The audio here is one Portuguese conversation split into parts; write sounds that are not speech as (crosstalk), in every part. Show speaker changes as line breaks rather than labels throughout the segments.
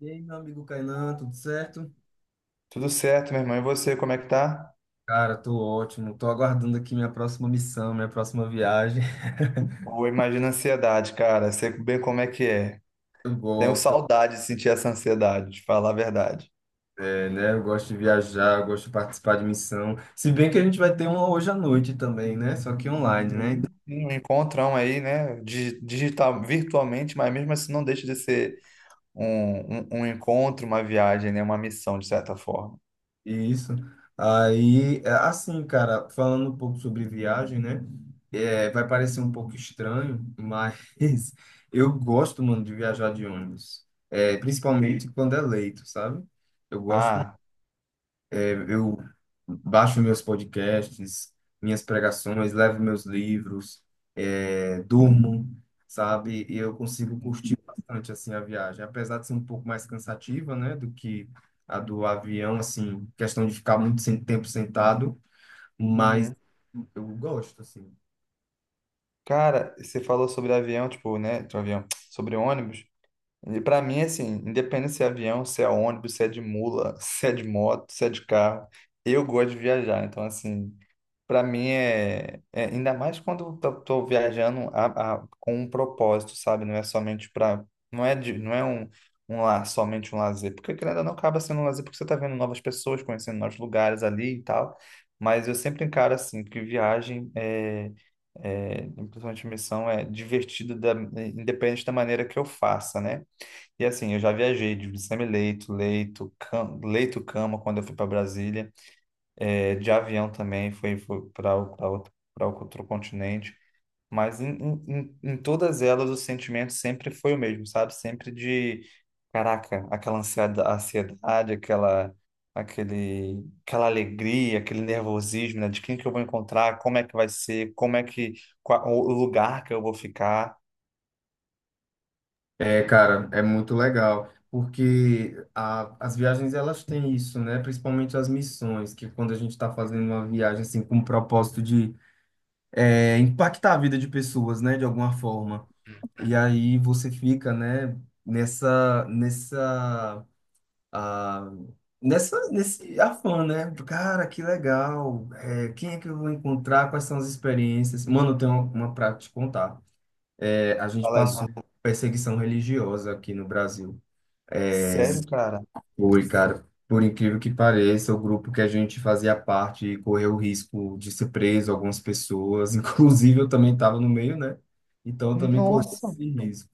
E aí, meu amigo Kainan, tudo certo?
Tudo certo, meu irmão. E você, como é que tá?
Cara, tô ótimo. Tô aguardando aqui minha próxima missão, minha próxima viagem.
Ou imagina a ansiedade, cara. Sei bem como é que é.
(laughs) Eu
Tenho
gosto,
saudade de sentir essa ansiedade, de falar a verdade.
é, né? Eu gosto de viajar, eu gosto de participar de missão. Se bem que a gente vai ter uma hoje à noite também, né? Só que online, né?
Sim. Sim, um encontrão aí, né? Digital, virtualmente, mas mesmo assim não deixa de ser um encontro, uma viagem, né? Uma missão, de certa forma.
Isso. Aí, é, assim, cara, falando um pouco sobre viagem, né? É, vai parecer um pouco estranho, mas (laughs) eu gosto, mano, de viajar de ônibus. É, principalmente quando é leito, sabe? Eu gosto.
Ah,
Eu baixo meus podcasts, minhas pregações, levo meus livros, durmo, sabe? E eu consigo curtir bastante assim a viagem, apesar de ser um pouco mais cansativa, né, do que a do avião, assim, questão de ficar muito sem tempo sentado, mas
uhum.
eu gosto assim.
Cara, você falou sobre avião, tipo, né? Sobre avião, (tsk) sobre ônibus. E pra mim, assim, independente se é avião, se é ônibus, se é de mula, (laughs) se é de moto, se é de carro, eu gosto de viajar. Então, assim, para mim é, ainda mais quando eu tô viajando com um propósito, sabe? Não é somente para, não é de, não é um, um la- somente um lazer, porque querendo ou não acaba sendo um lazer porque você tá vendo novas pessoas, conhecendo novos lugares ali e tal. Mas eu sempre encaro assim que viagem é, principalmente missão é divertido da, independente da maneira que eu faça, né? E assim, eu já viajei de semi-leito, leito, leito, cama quando eu fui para Brasília, de avião também, fui pra outro continente. Mas em todas elas o sentimento sempre foi o mesmo, sabe? Sempre de, caraca, aquela ansiedade, aquele, aquela alegria, aquele nervosismo, né? De quem que eu vou encontrar, como é que vai ser, como é que, qual, o lugar que eu vou ficar.
É, cara, é muito legal, porque as viagens elas têm isso, né? Principalmente as missões, que quando a gente está fazendo uma viagem assim com o propósito de impactar a vida de pessoas, né, de alguma forma. E aí você fica, né, nessa, nessa, ah, nesse afã, né? Cara, que legal. É, quem é que eu vou encontrar? Quais são as experiências? Mano, eu tenho uma pra te contar. É, a gente
Fala aí.
passou por perseguição religiosa aqui no Brasil.
Sério, cara?
Foi, cara. Por incrível que pareça, o grupo que a gente fazia parte correu o risco de ser preso, algumas pessoas, (laughs) inclusive eu também estava no meio, né? Então eu também corri
Nossa,
esse risco.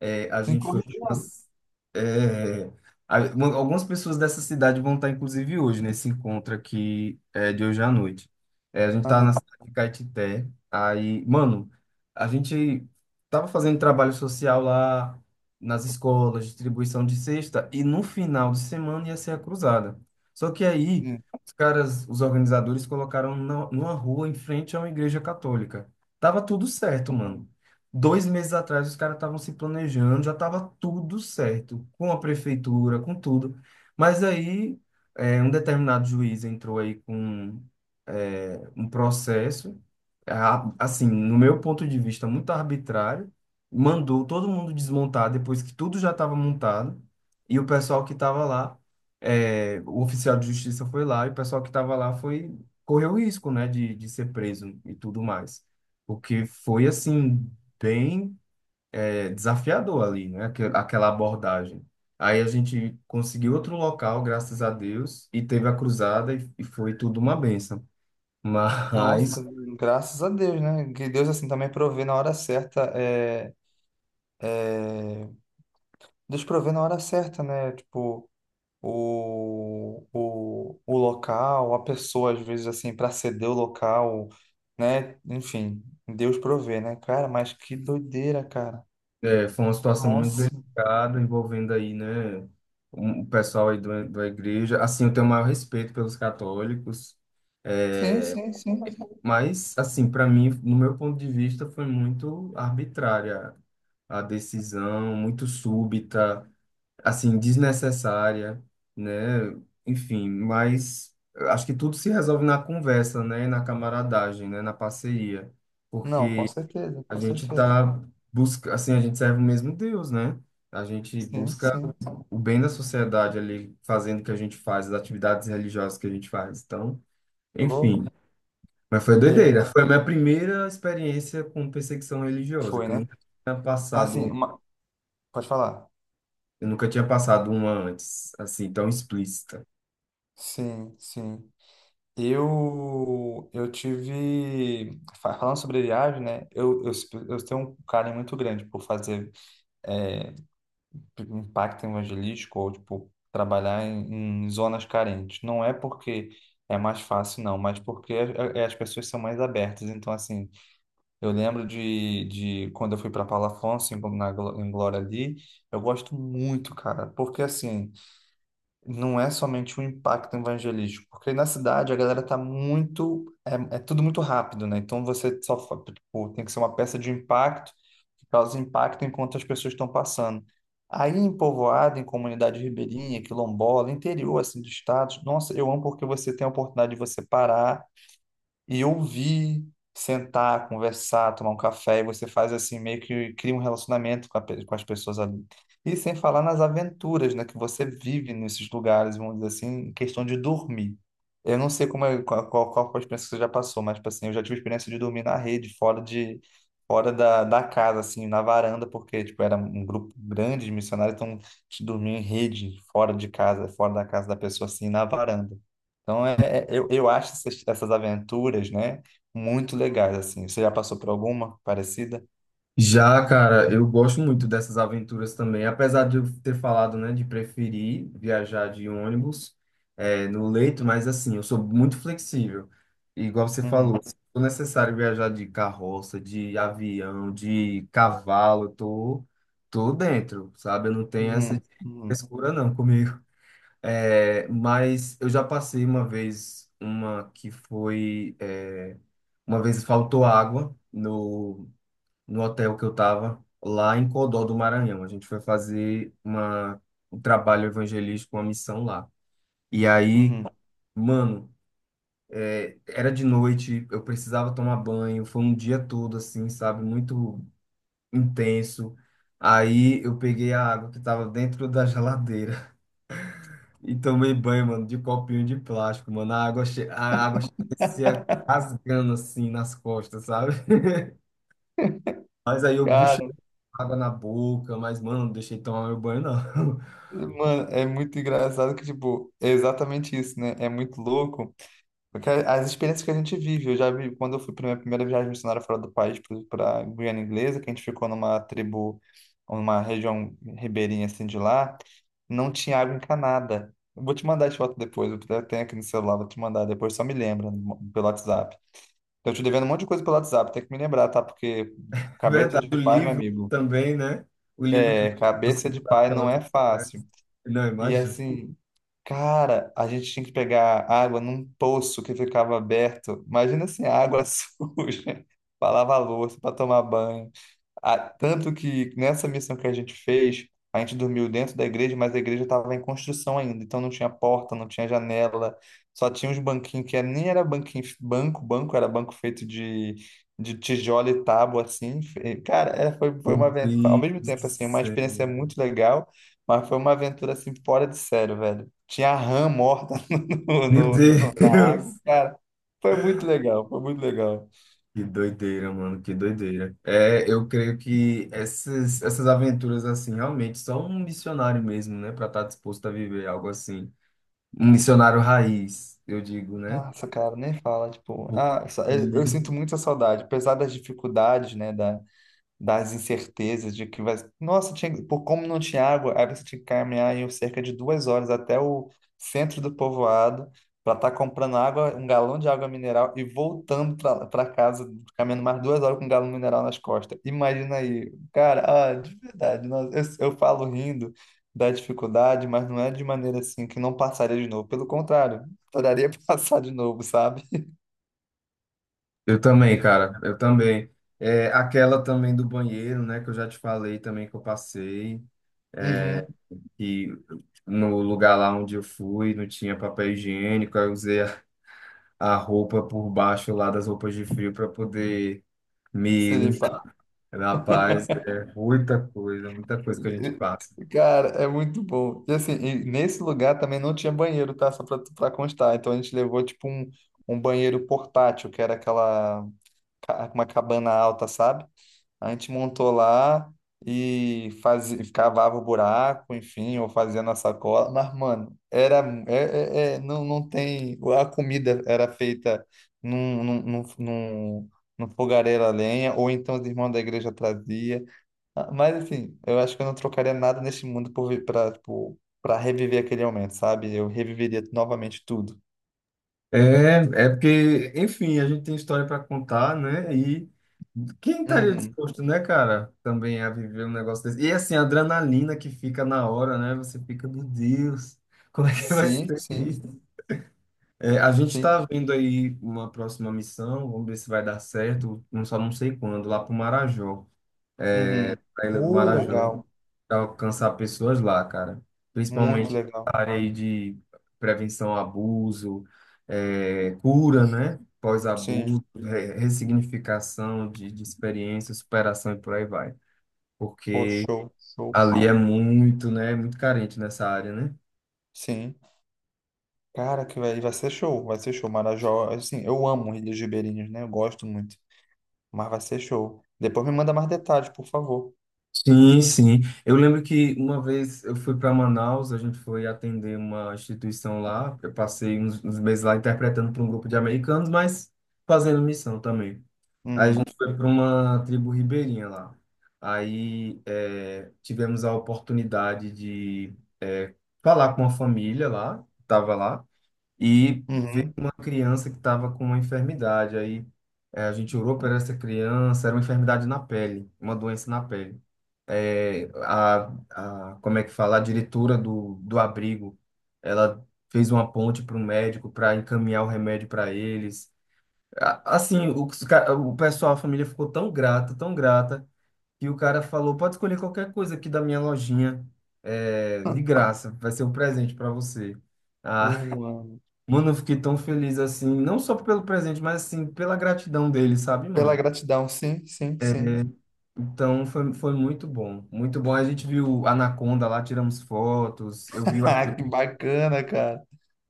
É, a
em
gente foi pra
correção.
umas- é, Algumas pessoas dessa cidade vão estar, inclusive, hoje, nesse encontro aqui é, de hoje à noite. É, a gente estava na
Aham.
cidade de Caetité. Aí, mano, a gente tava fazendo trabalho social lá nas escolas, distribuição de cesta, e no final de semana ia ser a cruzada. Só que aí,
Hum.
os caras, os organizadores colocaram na, numa rua em frente a uma igreja católica. Tava tudo certo, mano. 2 meses atrás, os caras estavam se planejando, já estava tudo certo, com a prefeitura, com tudo. Mas aí, um determinado juiz entrou aí com, um processo, assim, no meu ponto de vista, muito arbitrário, mandou todo mundo desmontar depois que tudo já estava montado, e o pessoal que estava lá, o oficial de justiça foi lá, e o pessoal que estava lá foi, correu o risco, né, de ser preso e tudo mais. Porque foi assim bem desafiador ali, né? Aquela abordagem. Aí a gente conseguiu outro local, graças a Deus, e teve a cruzada e foi tudo uma benção.
Nossa,
Mas
graças a Deus, né? Que Deus assim também provê na hora certa. É, é... Deus provê na hora certa, né? Tipo, o local, a pessoa, às vezes, assim, para ceder o local, né? Enfim, Deus provê, né? Cara, mas que doideira, cara.
foi uma situação muito
Nossa.
delicada, envolvendo aí, né, o pessoal aí do, da igreja. Assim, eu tenho o maior respeito pelos católicos,
Sim,
é,
sim, sim.
mas, assim, para mim, no meu ponto de vista, foi muito arbitrária a decisão, muito súbita, assim, desnecessária, né? Enfim, mas eu acho que tudo se resolve na conversa, né? Na camaradagem, né? Na parceria,
Não, com
porque
certeza,
a
com
gente
certeza.
tá busca, assim, a gente serve o mesmo Deus, né? A gente
Sim,
busca
sim.
o bem da sociedade ali, fazendo o que a gente faz, as atividades religiosas que a gente faz. Então,
Falou?
enfim, mas foi doideira.
É,
Foi a minha primeira experiência com perseguição religiosa,
foi,
que
né?
tinha
Assim,
passado,
uma... pode falar.
eu nunca tinha passado uma antes, assim, tão explícita.
Sim, sim. Falando sobre viagem, né? Eu tenho um carinho muito grande por fazer é, impacto evangelístico ou, tipo, trabalhar em zonas carentes. Não é porque é mais fácil, não, mas porque as pessoas são mais abertas. Então, assim, eu lembro de quando eu fui para Paulo Afonso, em Glória ali, eu gosto muito, cara, porque, assim, não é somente um impacto evangelístico, porque na cidade a galera tá muito, é tudo muito rápido, né? Então você só, tipo, tem que ser uma peça de impacto que causa impacto enquanto as pessoas estão passando. Aí em povoado, em comunidade ribeirinha, quilombola, interior assim do estado, nossa, eu amo porque você tem a oportunidade de você parar e ouvir, sentar, conversar, tomar um café, e você faz assim, meio que cria um relacionamento com, com as pessoas ali. E sem falar nas aventuras, né, que você vive nesses lugares, vamos dizer assim, em questão de dormir. Eu não sei como é, qual foi a experiência que você já passou, mas, tipo assim, eu já tive a experiência de dormir na rede, fora da casa, assim, na varanda, porque, tipo, era um grupo grande de missionários, então, a gente dormia em rede, fora de casa, fora da casa da pessoa, assim, na varanda. Então, eu acho essas aventuras, né, muito legais, assim. Você já passou por alguma parecida?
Já, cara, eu gosto muito dessas aventuras também, apesar de eu ter falado, né, de preferir viajar de ônibus, no leito, mas assim, eu sou muito flexível. E igual você
Uhum,
falou, se for necessário viajar de carroça, de avião, de cavalo, eu tô, dentro, sabe? Eu não tenho essa
uhum, uhum,
frescura não comigo. (laughs) É, mas eu já passei uma vez, uma que foi, é, uma vez faltou água no no hotel que eu estava lá em Codó do Maranhão. A gente foi fazer um trabalho evangelístico, uma missão lá. E aí,
uhum.
mano, era de noite, eu precisava tomar banho, foi um dia todo assim, sabe, muito intenso. Aí eu peguei a água que tava dentro da geladeira (laughs) e tomei banho, mano, de copinho de plástico, mano. A água parecia
(laughs)
rasgando assim nas costas, sabe? (laughs) Mas aí eu
Cara,
água na boca, mas, mano, não deixei tomar meu banho, não. (laughs)
mano, é muito engraçado que, tipo, é exatamente isso, né? É muito louco. Porque as experiências que a gente vive, eu já vi quando eu fui para minha primeira viagem missionária fora do país, para Guiana Inglesa, que a gente ficou numa tribo, numa região ribeirinha assim de lá, não tinha água encanada. Eu vou te mandar as fotos depois, eu até tenho aqui no celular, vou te mandar depois, só me lembra pelo WhatsApp. Eu te devendo um monte de coisa pelo WhatsApp, tem que me lembrar, tá? Porque
É
cabeça
verdade,
de
o
pai, meu
livro
amigo,
também, né? O livro que
é,
você
cabeça
mudou
de pai
aquela
não
última
é fácil.
conversa. Não,
E
imagina.
assim, cara, a gente tinha que pegar água num poço que ficava aberto. Imagina assim, água (laughs) suja, pra lavar louça, pra tomar banho. Tanto que nessa missão que a gente fez, a gente dormiu dentro da igreja, mas a igreja estava em construção ainda, então não tinha porta, não tinha janela, só tinha uns banquinhos que nem era banquinho, banco, banco, era banco feito de tijolo e tábua, assim. E, cara, foi
Meu
uma aventura, ao
Deus
mesmo
do
tempo, assim, uma
céu.
experiência muito legal, mas foi uma aventura, assim, fora de sério, velho. Tinha rã morta (laughs) no,
Meu
no-
Deus.
na água,
(laughs)
cara, foi muito legal, foi muito legal.
Que doideira, mano, que doideira. É, eu creio que essas aventuras, assim, realmente só um missionário mesmo, né? Pra estar disposto a viver algo assim. Um missionário raiz, eu digo, né?
Nossa, cara, nem fala, tipo,
Porque
ah, eu sinto muita saudade, apesar das dificuldades, né, das incertezas de que vai. Nossa, tinha... por como não tinha água, aí você tinha que caminhar em cerca de 2 horas até o centro do povoado para estar comprando água, um galão de água mineral e voltando para casa, caminhando mais 2 horas com um galão mineral nas costas. Imagina aí, cara, ah, de verdade, nossa, eu falo rindo da dificuldade, mas não é de maneira assim que não passaria de novo. Pelo contrário, adoraria (laughs) passar de novo, sabe?
eu também, cara, eu também. É, aquela também do banheiro, né, que eu já te falei também que eu passei,
Uhum,
que no lugar lá onde eu fui não tinha papel higiênico, aí eu usei a roupa por baixo lá das roupas de frio para poder me
se
limpar. Rapaz, é muita coisa que a gente passa.
cara, é muito bom. E assim, e nesse lugar também não tinha banheiro, tá? Só pra constar. Então a gente levou tipo um banheiro portátil, que era aquela uma cabana alta, sabe? A gente montou lá e fazia, cavava o buraco, enfim, ou fazia na sacola. Mas, mano, era não, não tem. A comida era feita num, num, num, num, num fogareiro a lenha, ou então os irmãos da igreja traziam. Ah, mas assim, eu acho que eu não trocaria nada nesse mundo por pra, tipo, pra reviver aquele momento, sabe? Eu reviveria novamente tudo.
É, é, porque, enfim, a gente tem história para contar, né? E quem estaria
Uhum.
disposto, né, cara, também a viver um negócio desse? E assim, a adrenalina que fica na hora, né? Você fica, meu Deus, (laughs) como é que vai
Sim,
ser
sim,
isso? É, a gente
sim.
está vendo aí uma próxima missão, vamos ver se vai dar certo, não só não sei quando, lá para o Marajó,
Uhum.
a Ilha do Marajó
Legal.
para alcançar pessoas lá, cara.
Muito
Principalmente
legal.
na área aí de prevenção ao abuso, cura, né?
Sim.
Pós-abuso, ressignificação de experiência, superação e por aí vai.
Pô,
Porque
show, show.
ali é muito, né? Muito carente nessa área, né?
Sim. Cara, que vai ser show, vai ser show. Marajó, assim, eu amo Ilhas Ribeirinhas, né? Eu gosto muito. Mas vai ser show. Depois me manda mais detalhes, por favor.
Sim, sim. Eu lembro que uma vez eu fui para Manaus, a gente foi atender uma instituição lá. Eu passei uns meses lá interpretando para um grupo de americanos, mas fazendo missão também. Aí a
Uhum.
gente foi para uma tribo ribeirinha lá. Aí é, tivemos a oportunidade de falar com uma família lá, que estava lá, e ver
Uhum.
uma criança que estava com uma enfermidade. Aí a gente orou para essa criança, era uma enfermidade na pele, uma doença na pele. É, como é que fala? A diretora do abrigo, ela fez uma ponte para o médico para encaminhar o remédio para eles. Assim, o pessoal, a família ficou tão grata, que o cara falou: pode escolher qualquer coisa aqui da minha lojinha, de
(laughs)
graça, vai ser um presente para você. Ah,
Mano.
(laughs) mano, eu fiquei tão feliz assim, não só pelo presente, mas assim, pela gratidão dele, sabe,
Pela
mano?
gratidão, sim, sim, sim.
Então foi, muito bom, muito bom. A gente viu a Anaconda lá, tiramos fotos, eu vi,
(laughs) Que bacana, cara.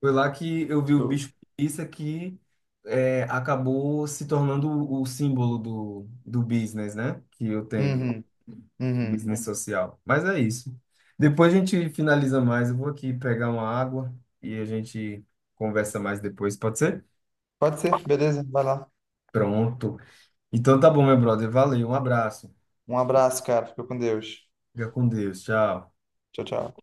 foi lá que eu vi o
Show.
bicho preguiça que acabou se tornando o símbolo do business, né? Que eu tenho.
Uhum, uhum.
Business social. Mas é isso. Depois a gente finaliza mais. Eu vou aqui pegar uma água e a gente conversa mais depois, pode ser?
Pode ser, beleza? Vai lá.
Pronto. Então tá bom, meu brother. Valeu, um abraço.
Um abraço, cara. Fica com Deus.
Fica com Deus. Tchau.
Tchau, tchau.